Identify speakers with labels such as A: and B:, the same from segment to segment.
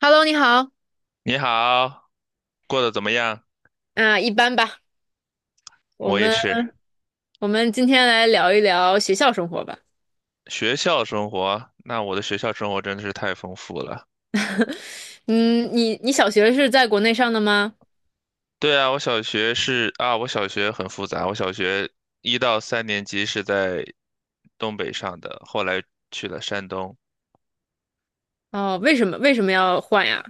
A: Hello，你好，
B: 你好，过得怎么样？
A: 啊，一般吧。我
B: 我也
A: 们
B: 是。
A: 我们今天来聊一聊学校生活吧。
B: 学校生活，那我的学校生活真的是太丰富了。
A: 嗯，你小学是在国内上的吗？
B: 对啊，我小学是啊，我小学很复杂。我小学一到三年级是在东北上的，后来去了山东，
A: 哦，为什么要换呀？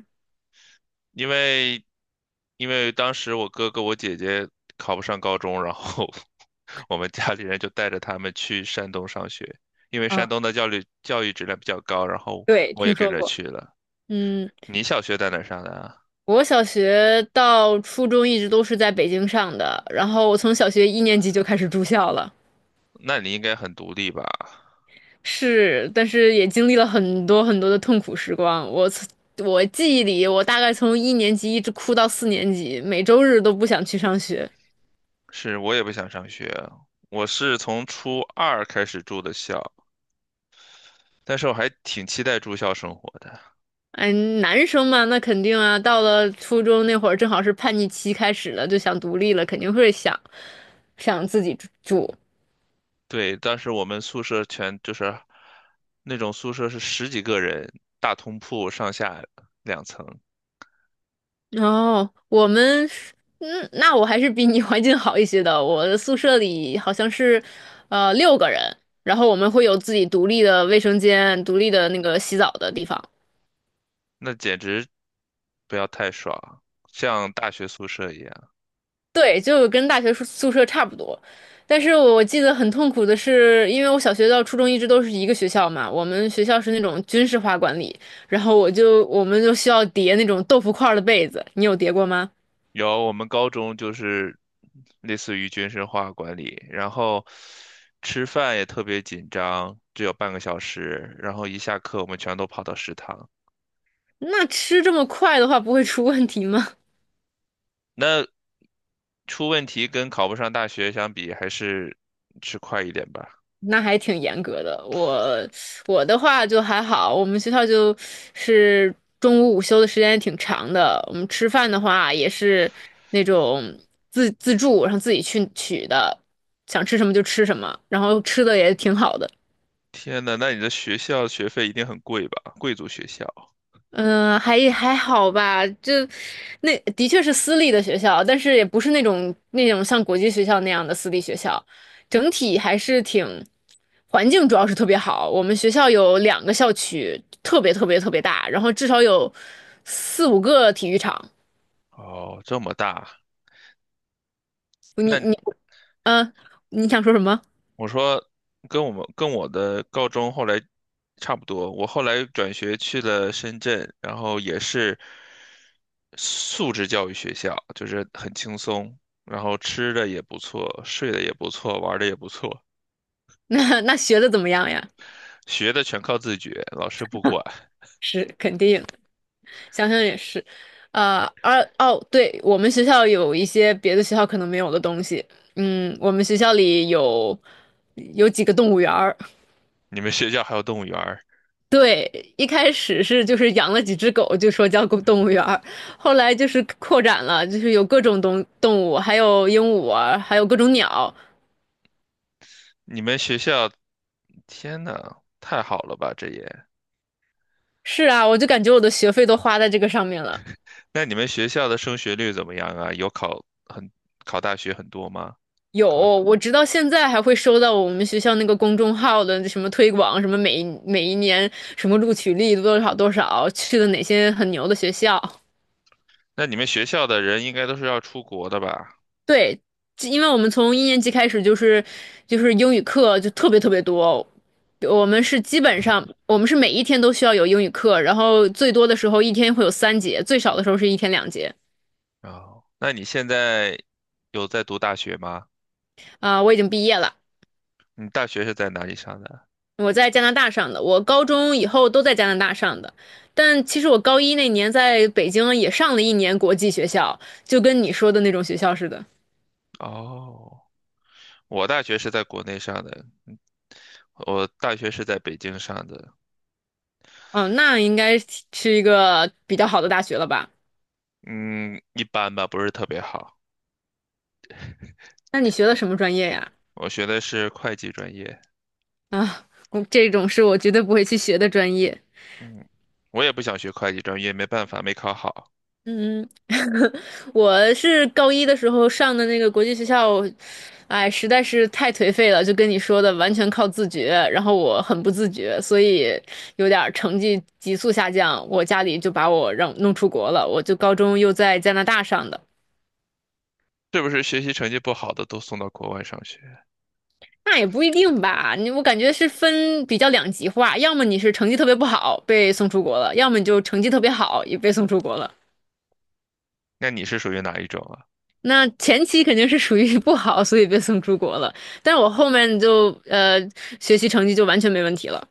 B: 因为因为当时我哥哥我姐姐考不上高中，然后 我们家里人就带着他们去山东上学，因为山
A: 啊，
B: 东的教育质量比较高，然后
A: 对，
B: 我也
A: 听
B: 跟
A: 说
B: 着
A: 过。
B: 去了。
A: 嗯，
B: 你小学在哪儿上的啊？
A: 我小学到初中一直都是在北京上的，然后我从小学一年级就开始住校了。
B: 那你应该很独立吧？
A: 是，但是也经历了很多很多的痛苦时光。我记忆里，我大概从一年级一直哭到四年级，每周日都不想去上学。
B: 是我也不想上学，我是从初二开始住的校，但是我还挺期待住校生活的。
A: 嗯，男生嘛，那肯定啊，到了初中那会儿，正好是叛逆期开始了，就想独立了，肯定会想自己住。
B: 对，当时我们宿舍全就是那种宿舍是十几个人，大通铺上下两层，
A: 哦，我们是嗯，那我还是比你 环境好一些的。我的宿舍里好像是，六个人，然后我们会有自己独立的卫生间、独立的那个洗澡的地方。
B: 那简直不要太爽，像大学宿舍一样。
A: 对，就跟大学宿舍差不多。但是我记得很痛苦的是，因为我小学到初中一直都是一个学校嘛，我们学校是那种军事化管理，然后我们就需要叠那种豆腐块儿的被子，你有叠过吗？
B: 有，我们高中就是类似于军事化管理，然后吃饭也特别紧张，只有半个小时，然后一下课我们全都跑到食堂。
A: 那吃这么快的话，不会出问题吗？
B: 那出问题跟考不上大学相比，还是吃快一点吧。
A: 那还挺严格的。我的话就还好，我们学校就是中午午休的时间也挺长的。我们吃饭的话也是那种自助，然后自己去取的，想吃什么就吃什么，然后吃的也挺好的。
B: 天呐，那你的学校学费一定很贵吧？贵族学校
A: 嗯，还好吧，就那的确是私立的学校，但是也不是那种像国际学校那样的私立学校，整体还是挺环境主要是特别好。我们学校有两个校区，特别特别特别大，然后至少有4、5个体育场。
B: 哦，这么大，
A: 你
B: 那
A: 你嗯，呃你想说什么？
B: 我说跟我的高中后来差不多，我后来转学去了深圳，然后也是素质教育学校，就是很轻松，然后吃的也不错，睡的也不错，玩的也不错，
A: 那学的怎么样呀？
B: 学的全靠自觉，老师不管。
A: 是肯定。想想也是，哦，对，我们学校有一些别的学校可能没有的东西。嗯，我们学校里有几个动物园儿。
B: 你们学校还有动物园儿，
A: 对，一开始就是养了几只狗，就说叫狗动物园儿，后来就是扩展了，就是有各种动物，还有鹦鹉啊，还有各种鸟。
B: 你们学校，天呐，太好了吧，这也。
A: 是啊，我就感觉我的学费都花在这个上面了。
B: 那你们学校的升学率怎么样啊？有，考大学很多吗？
A: 有，
B: 考？
A: 我直到现在还会收到我们学校那个公众号的什么推广，什么每一年什么录取率多少多少，去了哪些很牛的学校。
B: 那你们学校的人应该都是要出国的吧？
A: 对，因为我们从一年级开始就是英语课就特别特别多，我们是基本上我们是每一天都需要有英语课，然后最多的时候一天会有3节，最少的时候是一天2节。
B: 哦，那你现在有在读大学吗？
A: 啊，我已经毕业了。
B: 你大学是在哪里上的？
A: 我在加拿大上的，我高中以后都在加拿大上的，但其实我高一那年在北京也上了一年国际学校，就跟你说的那种学校似的。
B: 哦，我大学是在国内上的，我大学是在北京上的，
A: 哦，那应该是一个比较好的大学了吧？
B: 嗯，一般吧，不是特别好。
A: 那你学的什么专业呀？
B: 我学的是会计专业，
A: 啊，我这种是我绝对不会去学的专业。
B: 嗯，我也不想学会计专业，没办法，没考好。
A: 嗯，我是高一的时候上的那个国际学校，哎，实在是太颓废了，就跟你说的，完全靠自觉。然后我很不自觉，所以有点儿成绩急速下降。我家里就把我让弄出国了，我就高中又在加拿大上的。
B: 是不是学习成绩不好的都送到国外上学？
A: 那也不一定吧，我感觉是分比较两极化，要么你是成绩特别不好被送出国了，要么你就成绩特别好也被送出国了。
B: 那你是属于哪一种啊？
A: 那前期肯定是属于 不好，所以被送出国了。但是我后面就学习成绩就完全没问题了。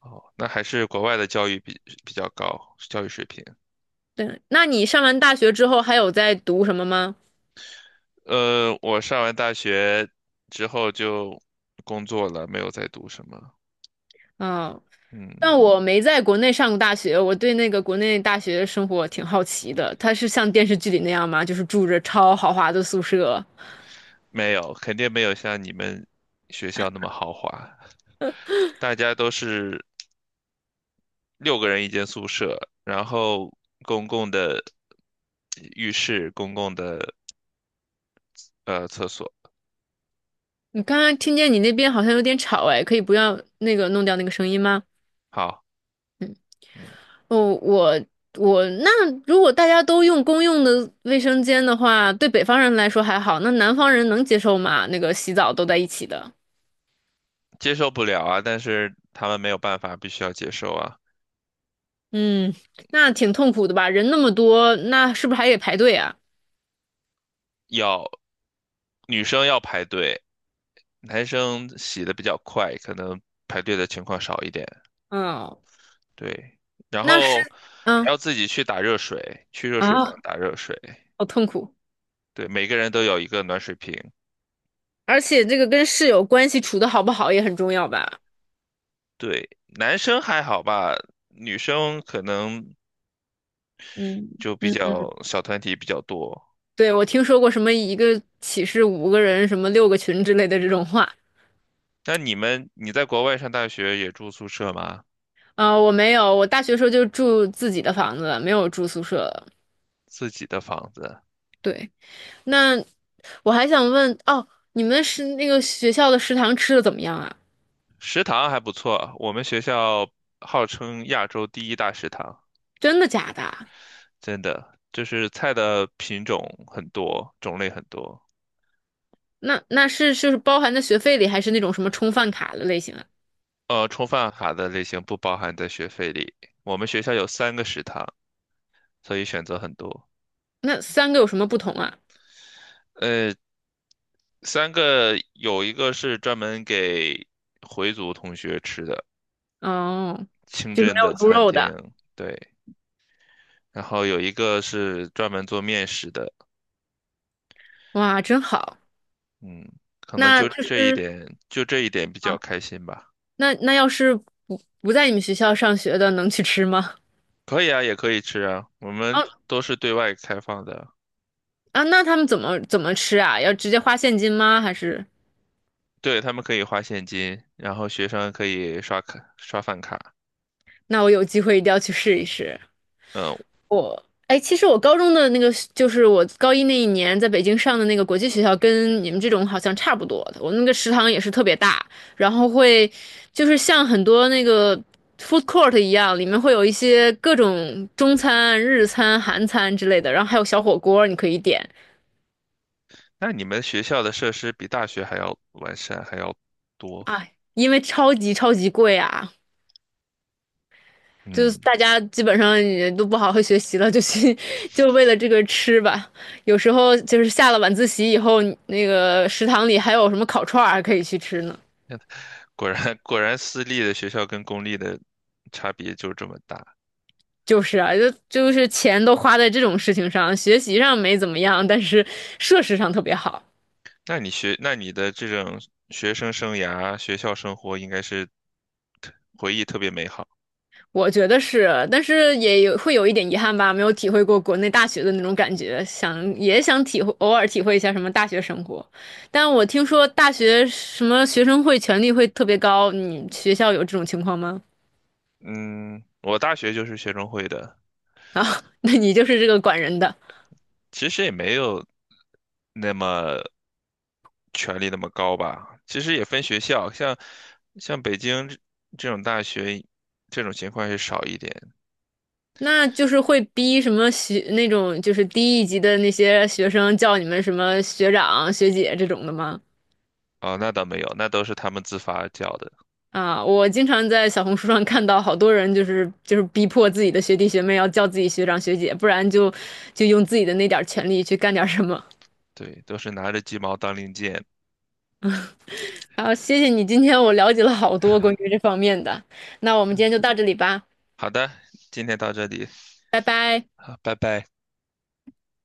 B: 哦，那还是国外的教育比较高，教育水平。
A: 对，那你上完大学之后还有在读什么吗？
B: 呃，我上完大学之后就工作了，没有再读什么。
A: 嗯，
B: 嗯，
A: 但我没在国内上过大学，我对那个国内大学生活挺好奇的。它是像电视剧里那样吗？就是住着超豪华的宿舍？
B: 没有，肯定没有像你们学校那么豪华。大家都是六个人一间宿舍，然后公共的浴室、公共的厕所。
A: 你刚刚听见你那边好像有点吵，哎，可以不要那个弄掉那个声音吗？
B: 好，嗯，
A: 哦，我那如果大家都用公用的卫生间的话，对北方人来说还好，那南方人能接受吗？那个洗澡都在一起的，
B: 接受不了啊，但是他们没有办法，必须要接受啊。
A: 嗯，那挺痛苦的吧？人那么多，那是不是还得排队啊？
B: 要女生要排队，男生洗的比较快，可能排队的情况少一点。
A: 嗯，
B: 对，然
A: 那是，
B: 后还
A: 嗯
B: 要自己去打热水，去热水房
A: 啊，
B: 打热水。
A: 好痛苦，
B: 对，每个人都有一个暖水瓶。
A: 而且这个跟室友关系处的好不好也很重要吧？
B: 对，男生还好吧，女生可能
A: 嗯
B: 就比
A: 嗯，嗯
B: 较小团体比较多。
A: 对，我听说过什么一个寝室五个人，什么六个群之类的这种话。
B: 那你们，你在国外上大学也住宿舍吗？
A: 啊，我没有，我大学时候就住自己的房子，没有住宿舍了。
B: 自己的房子，
A: 对，那我还想问，哦，你们是那个学校的食堂吃的怎么样啊？
B: 食堂还不错。我们学校号称亚洲第一大食堂，
A: 真的假的啊？
B: 真的，就是菜的品种很多，种类很多。
A: 那那是就是包含在学费里，还是那种什么充饭卡的类型啊？
B: 呃，充饭卡的类型不包含在学费里。我们学校有三个食堂，所以选择很多。
A: 那三个有什么不同啊？
B: 呃，三个有一个是专门给回族同学吃的
A: 哦，
B: 清
A: 就是
B: 真
A: 没有
B: 的
A: 猪
B: 餐
A: 肉的，
B: 厅，对，然后有一个是专门做面食的，
A: 哇，真好。
B: 嗯，可能
A: 那
B: 就
A: 就
B: 这一
A: 是
B: 点，就这一点比较
A: 啊，
B: 开心吧。
A: 那要是不在你们学校上学的，能去吃吗？
B: 可以啊，也可以吃啊，我们
A: 啊
B: 都是对外开放的，
A: 啊，那他们怎么吃啊？要直接花现金吗？还是？
B: 对，他们可以花现金，然后学生可以刷卡刷饭卡。
A: 那我有机会一定要去试一试。
B: 嗯。
A: 哎，其实我高中的那个，就是我高一那一年在北京上的那个国际学校，跟你们这种好像差不多的。我那个食堂也是特别大，然后就是像很多那个 food court 一样，里面会有一些各种中餐、日餐、韩餐之类的，然后还有小火锅你可以点。
B: 那你们学校的设施比大学还要完善，还要多。
A: 哎，因为超级超级贵啊，就是
B: 嗯，
A: 大家基本上也都不好好学习了，就去 就为了这个吃吧。有时候就是下了晚自习以后，那个食堂里还有什么烤串儿还可以去吃呢。
B: 那 果然私立的学校跟公立的差别就这么大。
A: 就是啊，就是钱都花在这种事情上，学习上没怎么样，但是设施上特别好。
B: 那你学，那你的这种学生生涯、学校生活应该是特回忆特别美好。
A: 我觉得是，但是会有一点遗憾吧，没有体会过国内大学的那种感觉，想也想体会，偶尔体会一下什么大学生活。但我听说大学什么学生会权力会特别高，你学校有这种情况吗？
B: 嗯，我大学就是学生会的，
A: 啊，那你就是这个管人的，
B: 其实也没有那么权力那么高吧。其实也分学校，像北京这种大学，这种情况是少一点。
A: 那就是会逼什么那种就是低一级的那些学生叫你们什么学长学姐这种的吗？
B: 哦，那倒没有，那都是他们自发叫的，
A: 啊，我经常在小红书上看到好多人，就是逼迫自己的学弟学妹要叫自己学长学姐，不然就用自己的那点儿权利去干点儿什么。
B: 对，都是拿着鸡毛当令箭。
A: 啊，谢谢你，今天我了解了好多关于这方面的。那我们今天就到这里吧，
B: 好的，今天到这里，
A: 拜拜。
B: 好，拜拜。